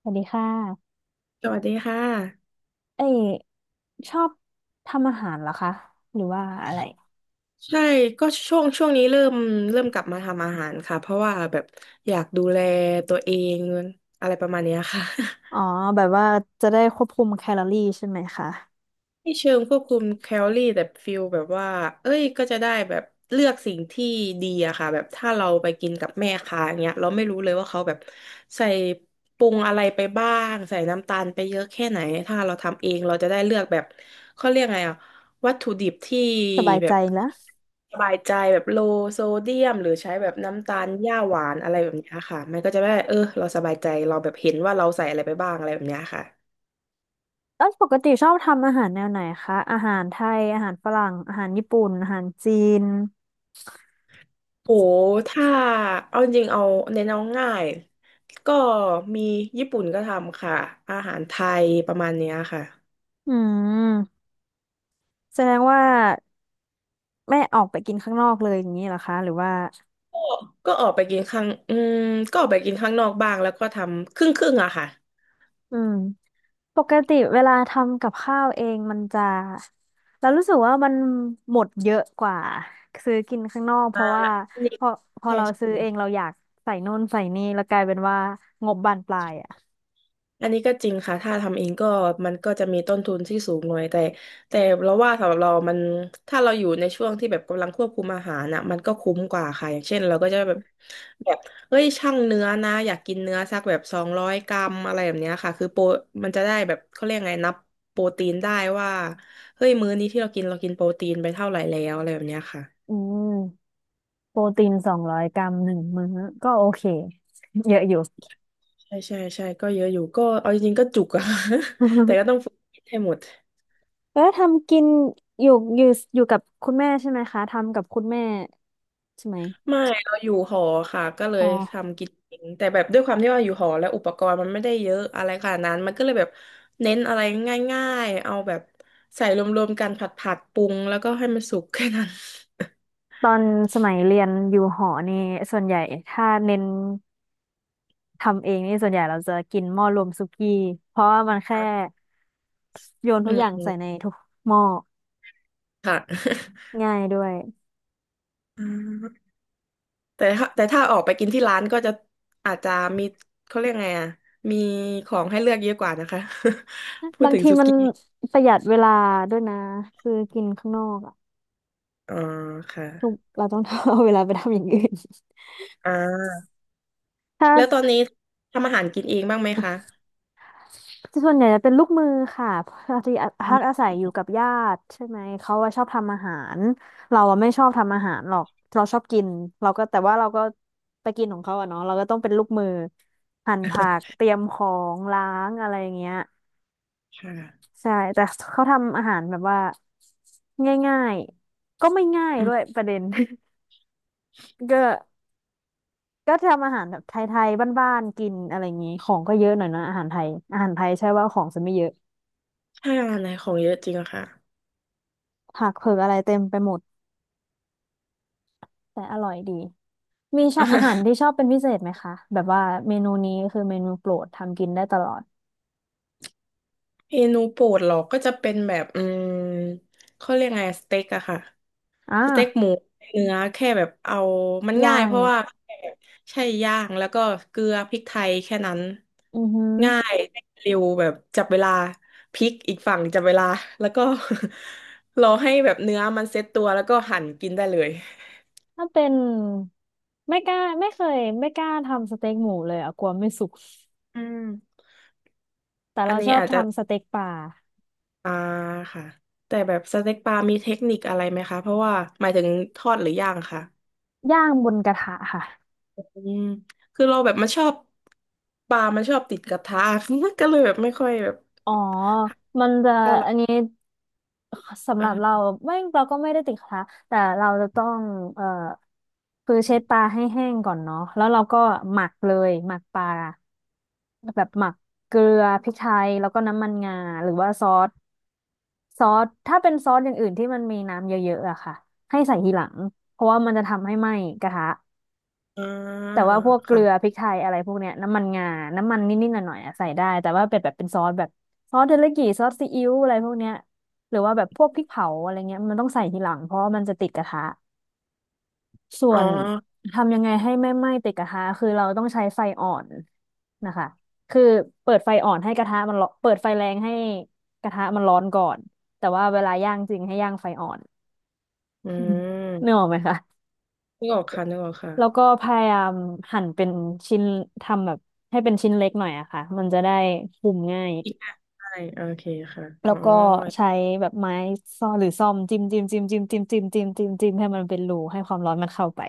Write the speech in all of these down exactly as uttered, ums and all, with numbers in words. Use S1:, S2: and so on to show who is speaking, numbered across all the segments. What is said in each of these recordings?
S1: สวัสดีค่ะ
S2: สวัสดีค่ะ
S1: เอ้ยชอบทำอาหารเหรอคะ หรือว่าอะไร
S2: ใช่ก็ช่วงช่วงนี้เริ่มเริ่มกลับมาทำอาหารค่ะเพราะว่าแบบอยากดูแลตัวเองอะไรประมาณเนี้ยค่ะ
S1: อ๋อ แบบว่าจะได้ควบคุมแคลอรี่ใช่ไหมคะ
S2: ไม่เชิงควบคุมแคลอรี่แต่ฟิลแบบว่าเอ้ยก็จะได้แบบเลือกสิ่งที่ดีอะค่ะแบบถ้าเราไปกินกับแม่ค้าอย่างเงี้ยเราไม่รู้เลยว่าเขาแบบใส่ปรุงอะไรไปบ้างใส่น้ำตาลไปเยอะแค่ไหนถ้าเราทำเองเราจะได้เลือกแบบเขาเรียกไงอะวัตถุดิบที่
S1: สบาย
S2: แบ
S1: ใจ
S2: บ
S1: แล้ว
S2: สบายใจแบบโลโซเดียมหรือใช้แบบน้ำตาลหญ้าหวานอะไรแบบเนี้ยค่ะมันก็จะได้เออเราสบายใจเราแบบเห็นว่าเราใส่อะไรไปบ้างอะไรแบบเนี้ยค่ะ
S1: แล้วปกติชอบทำอาหารแนวไหนคะ อาหารไทย อาหารฝรั่งอาหารญี่ปุ่น อาหารจีน
S2: โหถ้าเอาจริงเอาเน้นเอาง่ายก็มีญี่ปุ่นก็ทำค่ะอาหารไทยประมาณเนี้ยค่ะ
S1: อืมแสดงว่าไม่ออกไปกินข้างนอกเลยอย่างนี้เหรอคะหรือว่า
S2: ก็ก็ออกไปกินข้างอืมก็ออกไปกินข้างนอกบ้างแล้วก็ทำครึ่งครึ่งอะค่ะ
S1: อืม ปกติเวลาทำกับข้าวเองมันจะเรารู้สึกว่ามันหมดเยอะกว่าซื้อกินข้างนอกเพ
S2: อ่า
S1: ราะว่า
S2: อันนี้
S1: พอพอ
S2: ใช่
S1: เรา
S2: ใช
S1: ซื้อเองเรา
S2: ่
S1: อยากใส่นู่นใส่นี่แล้วกลายเป็นว่างบบานปลายอ่ะ
S2: อันนี้ก็จริงค่ะถ้าทำเองก็มันก็จะมีต้นทุนที่สูงหน่อยแต่แต่เราว่าสำหรับเรามันถ้าเราอยู่ในช่วงที่แบบกำลังควบคุมอาหารน่ะมันก็คุ้มกว่าค่ะอย่างเช่นเราก็จะแบบแบบเฮ้ยช่างเนื้อนะอยากกินเนื้อสักแบบสองร้อยกรัมอะไรแบบเนี้ยค่ะคือโปรมันจะได้แบบเขาเรียกไงนับโปรตีนได้ว่าเฮ้ยมื้อนี้ที่เรากินเรากินโปรตีนไปเท่าไหร่แล้วอะไรแบบเนี้ยค่ะ
S1: อืมโปรตีนสองร้อยกรัมหนึ่งมื้อก็โอเค เยอะอยู่
S2: ใช่ใช่ใช่ก็เยอะอยู่ก็เอาจริงๆก็จุกอะ แต่ ก็ต้องฝึกให้หมด
S1: แล้วทำกินอยู่อยู่อยู่กับคุณแม่ใช่ไหมคะทำกับคุณแม่ใช่ไหม
S2: ไม่เราอยู่หอค่ะก็เล
S1: อ๋อ
S2: ยทำกินเองแต่แบบด้วยความที่ว่าอยู่หอแล้วอุปกรณ์มันไม่ได้เยอะอะไรขนาดนั้นมันก็เลยแบบเน้นอะไรง่ายๆเอาแบบใส่รวมๆกันผัดผัดปรุงแล้วก็ให้มันสุกแค่นั้น
S1: ตอนสมัยเรียนอยู่หอนี่ส่วนใหญ่ถ้าเน้น ทำเองนี่ส่วนใหญ่เราจะกินหม้อรวมสุกี้เพราะว่ามันแค่ โยนทุ
S2: อื
S1: กอ
S2: ม
S1: ย่าง
S2: อืม
S1: ใส่ในทุกหม้อ
S2: ค่ะ
S1: ง่ายด้วย
S2: อืมแต่ถ้าแต่ถ้าออกไปกินที่ร้านก็จะอาจจะมีเขาเรียกไงอ่ะมีของให้เลือกเยอะกว่านะคะ พูด
S1: บาง
S2: ถึง
S1: ที
S2: สุ
S1: มัน
S2: กี้
S1: ประหยัดเวลาด้วยนะคือกินข้างนอกอ่ะ
S2: อ๋อค่ะ
S1: คือเราต้อง เอาเวลาไปทำอย่างอื่น
S2: อ่า
S1: ถ้า
S2: แล้วตอนนี้ทำอาหารกินเองบ้างไหมคะ
S1: ส่วนใหญ่จะเป็นลูกมือค่ะพอดีพักอาศัยอยู่กับญาติใช่ไหมเขาว่าชอบทำอาหารเราอะไม่ชอบทำอาหารหรอกเราชอบกินเราก็แต่ว่าเราก็ไปกินของเขาอะเนาะเราก็ต้องเป็นลูกมือหั่นผักเตรียมของล้างอะไรอย่างเงี้ย
S2: ค่ะ
S1: ใช่แต่เขาทำอาหารแบบว่าง่ายๆก็ไม่ง่ายด้วยประเด็น ก็ก็ทำอาหารแบบไทยๆบ้านๆกินอะไรอย่างงี้ของก็เยอะหน่อยนะอาหารไทยอาหารไทยใช่ว่าของจะไม่เยอะ
S2: ถ้าอะไรของเยอะจริงอะค่ะ
S1: ผักเผือกอะไรเต็มไปหมด แต่อร่อยดี มีชอบอาหารที่ ชอบเป็นพิเศษไหมคะแบบว่าเมนูนี้คือเมนูโปรดทำกินได้ตลอด
S2: เมนูโปรดเหรอก็จะเป็นแบบอืมเขาเรียกไงสเต็กอะค่ะ
S1: อ่
S2: สเต็กห
S1: า
S2: มูเนื้อแค่แบบเอามันง่า
S1: ย่า
S2: ยเพ
S1: ง
S2: ราะว่าแค่แบบใช่ย่างแล้วก็เกลือพริกไทยแค่นั้น
S1: อือหือ
S2: ง่ายเร็วแบบจับเวลาพริกอีกฝั่งจับเวลาแล้วก็ รอให้แบบเนื้อมันเซ็ตตัวแล้วก็หั่นกินได้เลย
S1: ถ้าเป็นไม่กล้าไม่เคยไม่กล้าทำสเต็กหมูเลยอะกลัวไม่สุก
S2: อืม
S1: แต่
S2: อั
S1: เรา
S2: น
S1: ช
S2: นี้
S1: อบ
S2: อาจจะ
S1: ทำสเต็กปลา
S2: ปลาค่ะแต่แบบสเต็กปลามีเทคนิคอะไรไหมคะเพราะว่าหมายถึงทอดหรือย่างค่ะ
S1: ย่างบนกระทะค่ะ
S2: อืมคือเราแบบมันชอบปลามันชอบติดกระทะ ก็เลยแบบไม่ค่อยแบบ
S1: อ๋อมันจะ
S2: เท่าไห
S1: อัน
S2: ร่
S1: นี้ สำหรับเรา
S2: เออ
S1: ไม่เราก็ไม่ได้ติดกระทะแต่เราจะต้องเอ่อคือเช็ดปลาให้แห้งก่อนเนาะแล้วเราก็หมักเลยหมักปลาแบบหมักเกลือพริกไทยแล้วก็น้ำมันงาหรือว่าซอสซอสถ้าเป็นซอสอย่างอื่นที่มันมีน้ำเยอะๆอะค่ะให้ใส่ทีหลังเพราะว่ามันจะทำให้ไหม้กระทะ
S2: อ่า
S1: แต่ว่าพวกเกลือพ
S2: ค่ะ
S1: ริกไทยอะไรพวกเนี้ยน้ำมันงาน้ำมันนิดๆหน่อยๆอะใส่ได้แต่ว่าเป็นแบบเป็นซอสแบบซอสเทริยากิซอสซีอิ๊วอะไรพวกเนี้ยหรือว่าแบบพวกพริกเผาอะไรเงี้ยมันต้องใส่ทีหลังเพราะว่ามันจะติดกระทะส่
S2: อ๋
S1: ว
S2: อ
S1: นทำยังไงให้ไม่ไหม้ติดกระทะคือเราต้องใช้ไฟอ่อนนะคะคือเปิดไฟอ่อนให้กระทะมันร้อนเปิดไฟแรงให้กระทะมันร้อนก่อนแต่ว่าเวลาย่างจริงให้ย่างไฟอ่อน
S2: อื
S1: นึกออ
S2: ม
S1: กไหมคะ
S2: นึกออกค่ะนึกออก
S1: แล้วก็
S2: ค่ะ
S1: พยายามหั่นเป็นชิ้นทำแบบให้เป็นชิ้นเล็กหน่อยอะค่ะมันจะได้คุมง่าย
S2: อีกอ่ะใช่โอเคค่ะ
S1: แล้
S2: อ๋อ
S1: วก็ใช้แบบไม้ซ่อหรือซ่อมจิ้มจิ้มจิ้มจิ้มจิ้มจิ้มจิ้มจิ้มจิ้มให้มันเป็นรูให้ความร้อนมันเข้าไป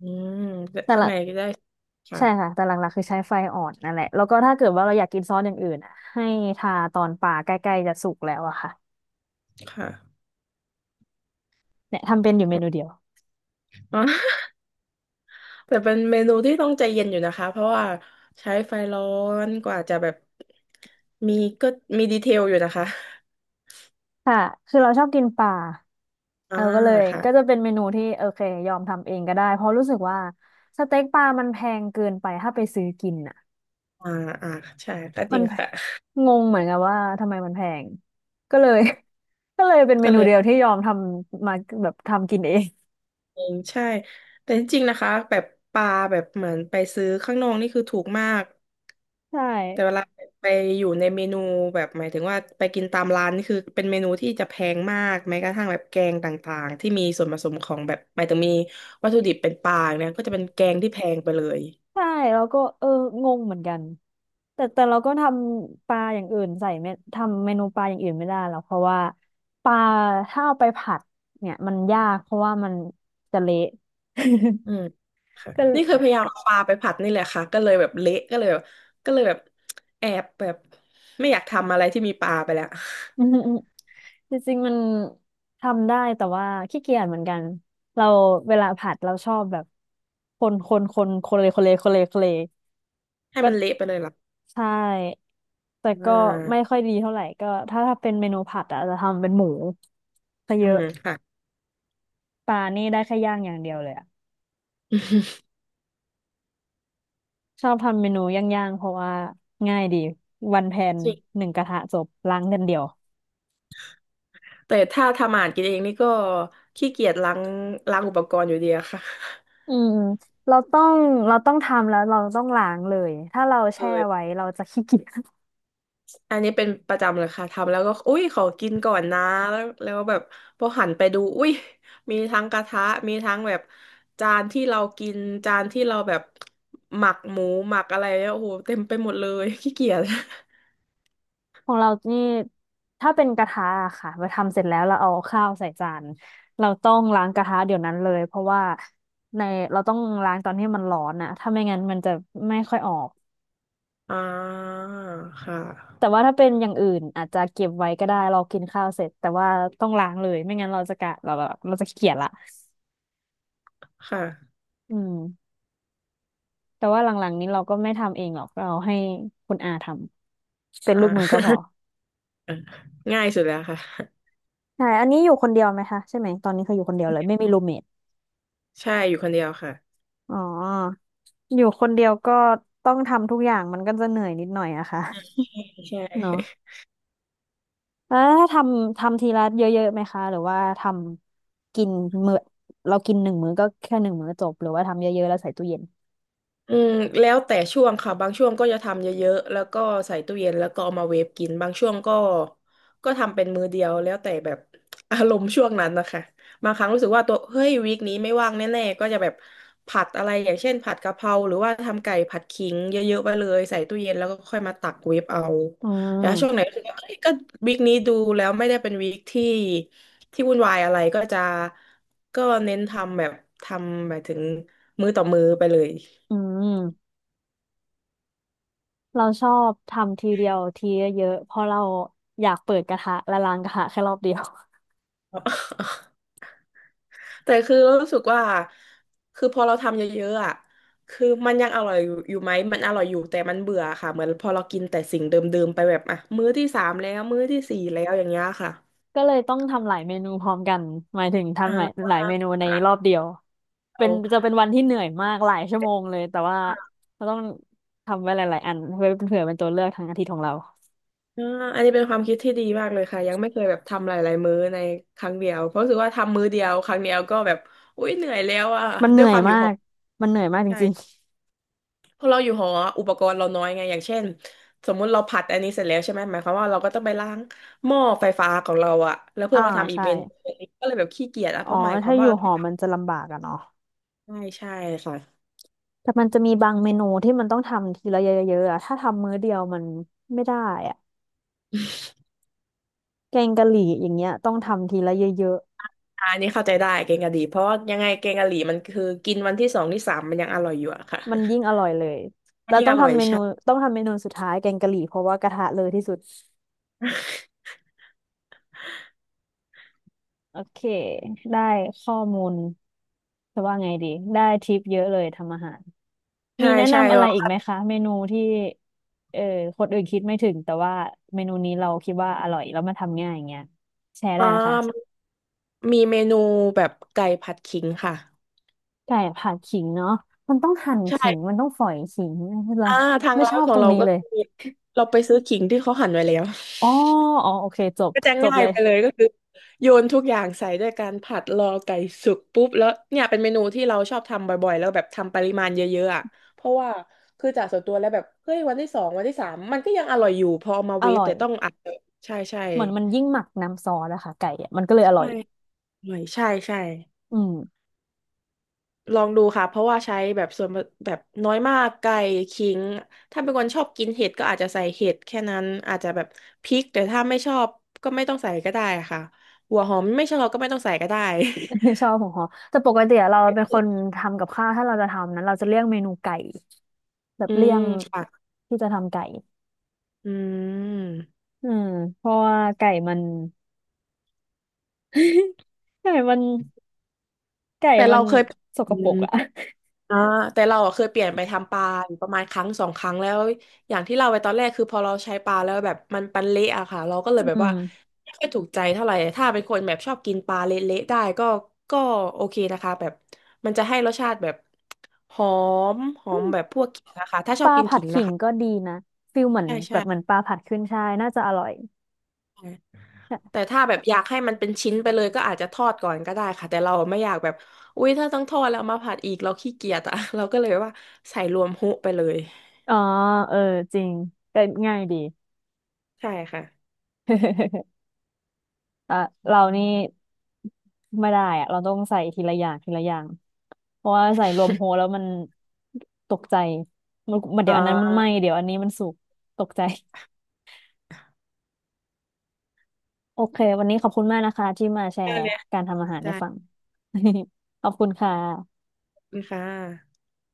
S2: อืมแต่
S1: แต่
S2: ข้า
S1: ห
S2: ง
S1: ละ
S2: ในก็ได้ค่ะ
S1: ใช่ค่ะแต่หลักๆคือใช้ไฟอ่อนนั่นแหละแล้วก็ถ้าเกิดว่าเราอยากกินซอสอย่างอื่นอะให้ทาตอนปลาใกล้ๆจะสุกแล้วอะค่ะ
S2: ค่ะ
S1: เนี่ยทำเป็นอยู่เมนูเดียว
S2: อ๋อ แต่เป็นเมนูที่ต้องใจเย็นอยู่นะคะเพราะว่าใช้ไฟร้อนกว่าจะแบบมีก็มีดีเทลอยู่นะคะ
S1: ค่ะคือเราชอบกินปลา
S2: อ่า
S1: เออก็เลย
S2: ค่ะ
S1: ก็จะเป็นเมนูที่โอเคยอมทำเองก็ได้เพราะรู้สึกว่าสเต็กปลามันแพงเกินไปถ้าไปซื้อกินอ่ะ
S2: อ่าอ่าใช่ก็จ
S1: มั
S2: ริ
S1: น
S2: งค่ะ
S1: งงเหมือนกันว่าทำไมมันแพงก็เลย ก็เลยเป็นเม
S2: ก็
S1: นู
S2: เลย
S1: เดียวที่ยอมทำมาแบบทำกินเอง
S2: เองใช่แต่จริงๆนะคะแบบปลาแบบเหมือนไปซื้อข้างนอกนี่คือถูกมาก
S1: ใช่
S2: แต่เวลาไปอยู่ในเมนูแบบหมายถึงว่าไปกินตามร้านนี่คือเป็นเมนูที่จะแพงมากแม้กระทั่งแบบแกงต่างๆที่มีส่วนผสมของแบบหมายถึงมีวัตถุดิบเป็นปลาเนี่ยก็จะเป็นแกงที่แพงไปเลย
S1: ใช่แล้วก็เอองงเหมือนกันแต่แต่เราก็ทำปลาอย่างอื่นใส่ไม่ทำเมนูปลาอย่างอื่นไม่ได้หรอกเพราะว่าปลาถ้าเอาไปผัดเนี่ยมันยากเพราะว่ามันจะเละ
S2: อืมค่ะ
S1: ก็
S2: นี่เคยพยายามเอาปลาไปผัดนี่แหละค่ะก็เลยแบบเละก็เลยแบบก็เลยแบบแอบแบบไม่อยากทำอะไรที่มีปลาไปแล้ว
S1: อืม จริงๆมันทำได้แต่ว่าขี้เกียจเหมือนกันเราเวลาผัดเราชอบแบบคนคนคนคนเลยคนเลยคนเลยคนเลย
S2: ให้
S1: ก็
S2: มันเละไปเลยล่ะ
S1: ใช่แต่
S2: อ่
S1: ก็ไม่
S2: า
S1: ค่อยดีเท่าไหร่ก็ถ้าถ้าเป็นเมนูผัดอะจะทำเป็นหมูซะเย
S2: อื
S1: อะ
S2: มค่ะ
S1: ปลานี่ได้แค่ย่างอย่างเดียวเลยอะ ชอบทำเมนูย่างๆเพราะว่าง่ายดีวันแพน
S2: จริง
S1: หนึ่งกระทะจบล้างเดือนเดียว
S2: แต่ถ้าทำอาหารกินเองนี่ก็ขี้เกียจล้างล้างอุปกรณ์อยู่ดีอะค่ะ
S1: อืมเราต้องเราต้องทำแล้วเราต้องล้างเลยถ้าเราแช่ไว้
S2: เออ
S1: เราจะขี้เกียจ
S2: อันนี้เป็นประจำเลยค่ะทำแล้วก็อุ้ยขอกินก่อนนะแล้วแล้วแบบพอหันไปดูอุ้ยมีทั้งกระทะมีทั้งแบบจานที่เรากินจานที่เราแบบหมักหมูหมักอะไรเนี่ยโอ้โหเต็มไปหมดเลยขี้เกียจ
S1: ของเรานี่ถ้าเป็นกระทะอะค่ะเราทำเสร็จแล้วเราเอาข้าวใส่จานเราต้องล้างกระทะเดี๋ยวนั้นเลย เพราะว่าในเราต้องล้างตอนที่มันร้อนอะถ้าไม่งั้นมันจะไม่ค่อยออก
S2: อ่าค่ะ
S1: แต่ว่าถ้าเป็นอย่างอื่นอาจจะเก็บไว้ก็ได้เรากินข้าวเสร็จแต่ว่าต้องล้างเลย ไม่งั้นเราจะกะเราเราเราจะขี้เกียจละ
S2: ค่ะ
S1: อืมแต่ว่าหลังๆนี้เราก็ไม่ทำเองหรอกเราให้คุณอาทำเป็น
S2: อ่
S1: ลูกมือก็พอ
S2: า ง่ายสุดแล้วค่ะ
S1: ใช่อันนี้อยู่คนเดียวไหมคะใช่ไหมตอนนี้คืออยู่คนเดียวเลยไม่มีรูมเมท
S2: ใช่อยู่คนเดียวค่ะ
S1: อ๋ออยู่คนเดียวก็ต้องทำทุกอย่างมันก็จะเหนื่อยนิดหน่อยอะค่ะ
S2: ใช่ใช่
S1: เนาะแล้วถ้าทำทำทีละเยอะๆไหมคะหรือว่าทำกินมื้อเรากินหนึ่งมื้อก็แค่หนึ่งมื้อจบหรือว่าทำเยอะๆแล้วใส่ตู้เย็น
S2: อืมแล้วแต่ช่วงค่ะบางช่วงก็จะทำเยอะๆแล้วก็ใส่ตู้เย็นแล้วก็เอามาเวฟกินบางช่วงก็ก็ทำเป็นมื้อเดียวแล้วแต่แบบ อารมณ์ช่วงนั้นนะคะบางครั้งรู้สึกว่าตัวเฮ้ยวีคนี้ไม่ว่างแน่ๆก็จะแบบผัดอะไรอย่างเช่นผัดกะเพราหรือว่าทำไก่ผัดขิงเยอะๆไปเลยใส่ตู้เย็นแล้วก็ค่อยมาตักเวฟเอา
S1: อื
S2: แล้วช่วงไหน
S1: ม
S2: รู้สึกว่าเอ้ยก็วีคนี้ดูแล้วไม่ได้เป็นวีคที่ที่วุ่นวายอะไรก็จะก็เน้นทำแบบทำหมายถึงมื้อต่อมื้อไปเลย
S1: อืมเราชอบทำทีเดียวทีเยอะๆเพราะเราอยากเปิดกระทะและล้างกระทะแค่รอบเดียว
S2: แต่คือรู้สึกว่าคือพอเราทำเยอะๆอ่ะคือมันยังอร่อยอยู่อยู่ไหมมันอร่อยอยู่แต่มันเบื่อค่ะเหมือนพอเรากินแต่สิ่งเดิมๆไปแบบอ่ะมื้อที่สามแล้วมื้อที่สี่แล้วอย่างเงี้ยค่ะ
S1: ก็เลยต้องทำหลายเมนูพร้อมกันหมายถึงทำหลาย
S2: อ่า
S1: หลายเมนูในรอบเดียวเป็
S2: เรา
S1: นจะเป็นวันที่เหนื่อยมากหลายชั่วโมงเลยแต่ว่าเราต้องทำไว้หลายๆอันเพื่อเผื่อเป็นตัวเลือกทางอาทิตย์ของเรา
S2: อ่าอันนี้เป็นความคิดที่ดีมากเลยค่ะยังไม่เคยแบบทำหลายๆมื้อในครั้งเดียวเพราะรู้สึกว่าทำมื้อเดียวครั้งเดียวก็แบบอุ๊ยเหนื่อยแล้วอ่ะ
S1: มันเห
S2: ด้ว
S1: นื่
S2: ย
S1: อ
S2: ค
S1: ย
S2: วามอยู่
S1: มา
S2: หอ
S1: กมันเหนื่อยมากจ
S2: ใช่
S1: ริง
S2: พอเราอยู่หออุปกรณ์เราน้อยไงอย่างเช่นสมมุติเราผัดอันนี้เสร็จแล้วใช่ไหมหมายความว่าเราก็ต้องไปล้างหม้อไฟฟ้าของเราอะแล้ว
S1: ๆ
S2: เพื่อ
S1: อ่า
S2: มาทำอีก
S1: ใช่
S2: เมนูก็เลยแบบขี้เกียจอะ
S1: อ๋
S2: เพ
S1: อ
S2: ราะหมายควา
S1: ถ้า
S2: ม
S1: อ
S2: ว่า
S1: ยู่หอมันจะลำบากอะเนาะ
S2: ใช่ใช่ค่ะ
S1: แต่มันจะมีบางเมนูที่มันต้องทำทีละเยอะๆอะถ้าทำมื้อเดียวมันไม่ได้อะแกงกะหรี่อย่างเงี้ยต้องทำทีละเยอะ
S2: อะอันนี้เข้าใจได้แกงกะหรี่เพราะว่ายังไงแกงกะหรี่มันคือกินวันที่สองที่สามมันยังอร่อยอยู่อะค่ะ
S1: มันยิ่งอร่อยเลย
S2: มั
S1: แล้
S2: น
S1: ว
S2: ง
S1: ต้อ
S2: อ
S1: ง
S2: ร่อย
S1: ทำเมนู
S2: ใช่
S1: ต้องทำเมนูสุดท้ายแกงกะหรี่เพราะว่ากระทะเลยที่สุดโอเคได้ข้อมูลจะว่าไงดีได้ทิปเยอะเลยทำอาหารมี
S2: ใช่
S1: แนะ
S2: ใช่
S1: นำอะไร
S2: เรา
S1: อีกไหมคะเมนูที่เออคนอื่นคิดไม่ถึงแต่ว่าเมนูนี้เราคิดว่าอร่อยแล้วมันทำง่ายอย่างเงี้ยแชร์
S2: อ่
S1: ได้นะคะ
S2: ามีเมนูแบบไก่ผัดขิงค่ะ
S1: ไก่ผัดขิงเนาะมันต้องหั่นขิง
S2: ใช่
S1: มันต้องฝอยขิงเหรอ
S2: อ่าทาง
S1: ไม่
S2: ร้า
S1: ช
S2: น
S1: อบ
S2: ขอ
S1: ต
S2: ง
S1: รง
S2: เรา
S1: นี้
S2: ก็
S1: เลย
S2: คือเราไปซื้อขิงที่เขาหั่นไว้แล้ว
S1: อ๋ออ๋อโอเคจบ
S2: ก็จะ
S1: จบ
S2: ง่า
S1: เล
S2: ย
S1: ย
S2: ไปเลยก็คือโยนทุกอย่างใส่ด้วยการผัดรอไก่สุกปุ๊บแล้วเนี่ยเป็นเมนูที่เราชอบทำบ่อยๆแล้วแบบทำปริมาณเยอะๆอ่ะเพราะว่าคือจากส่วนตัวแล้วแบบเฮ้ยวันที่สองวันที่สามมันก็ยังอร่อยอยู่พอเอามา
S1: อ
S2: เวฟ
S1: ร่อย
S2: แต่ต้องอัดใช่ใช่
S1: เหมือนมันยิ่งหมักน้ำซอสอะค่ะไก่อะมันก็เลยอร่อ
S2: ใช่
S1: ย
S2: อร่อยใช่ใช่
S1: อืม
S2: ลองดูค่ะเพราะว่าใช้แบบส่วนแบบน้อยมากไก่ขิงถ้าเป็นคนชอบกินเห็ดก็อาจจะใส่เห็ดแค่นั้นอาจจะแบบพริกแต่ถ้าไม่ชอบก็ไม่ต้องใส่ก็ได้ค่ะหัวหอมไม่ชอบก็ไม่ต้องใส่ก็ได้
S1: ชอบของฮอแต่ปกติอะเราเป็นคนทำกับข้าวถ้าเราจะทำนั้นเราจะเลี่ยงเมนูไก่แบบ
S2: อื
S1: เลี่ย
S2: ม
S1: ง
S2: ค่ะ
S1: ที่จะทำไก่
S2: อืม
S1: อืมเพราะว่าไก่มัน ไก่มันไก่
S2: แต่
S1: มั
S2: เรา
S1: น
S2: เคย
S1: สก
S2: อื
S1: ปร
S2: ม
S1: กอะ
S2: อ่าแต่เราอะเคยเปลี่ยนไปทำปลาอยู่ประมาณครั้งสองครั้งแล้วอย่างที่เราไปตอนแรกคือพอเราใช้ปลาแล้วแบบมันปันเละอะค่ะเราก็เลยแบบ
S1: อื
S2: ว่า
S1: ม
S2: ไม่ค่อยถูกใจเท่าไหร่ถ้าเป็นคนแบบชอบกินปลาเละๆได้ก็ก็โอเคนะคะแบบมันจะให้รสชาติแบบหอมหอ
S1: อื
S2: ม
S1: ม
S2: แบบพวกขิงนะคะถ้าช
S1: ป
S2: อบ
S1: ลา
S2: กิน
S1: ผั
S2: ขิ
S1: ด
S2: ง
S1: ขิ
S2: นะ
S1: ง
S2: คะ
S1: ก็ดีนะฟิลเหมือน
S2: ใช่
S1: แบบเหมือน
S2: ใช่
S1: ปลาผัดขึ้นฉ่ายน่าจะอร่อย
S2: แต่ถ้าแบบอยากให้มันเป็นชิ้นไปเลยก็อาจจะทอดก่อนก็ได้ค่ะแต่เราไม่อยากแบบอุ๊ยถ้าต้องทอดแล้วเอามาผัดอีกเราขี้เกียจอะ เราก็เลยว่าใส่รวมฮุไปเลย
S1: อ๋อเออจริงก็ง่ายดี
S2: ใช่ค่ะ
S1: อ่ะเรานี่ไม่ได้อะเราต้องใส่ทีละอย่างทีละอย่างเพราะว่าใส่รวมโฮ แล้วมันตกใจมันมัน
S2: อ
S1: เดี๋ยวอันนั้นมัน
S2: ่า
S1: ไหม้เดี๋ยวอันนี้มันสุกตกใจโอเควันนี้ขอบคุณมากนะคะที่มาแช
S2: ได้
S1: ร์
S2: เลยค่
S1: การทำอา
S2: ะ
S1: หารใน
S2: ได้
S1: ฝั่ง ขอบคุณค่ะ
S2: ขอบคุณค่ะ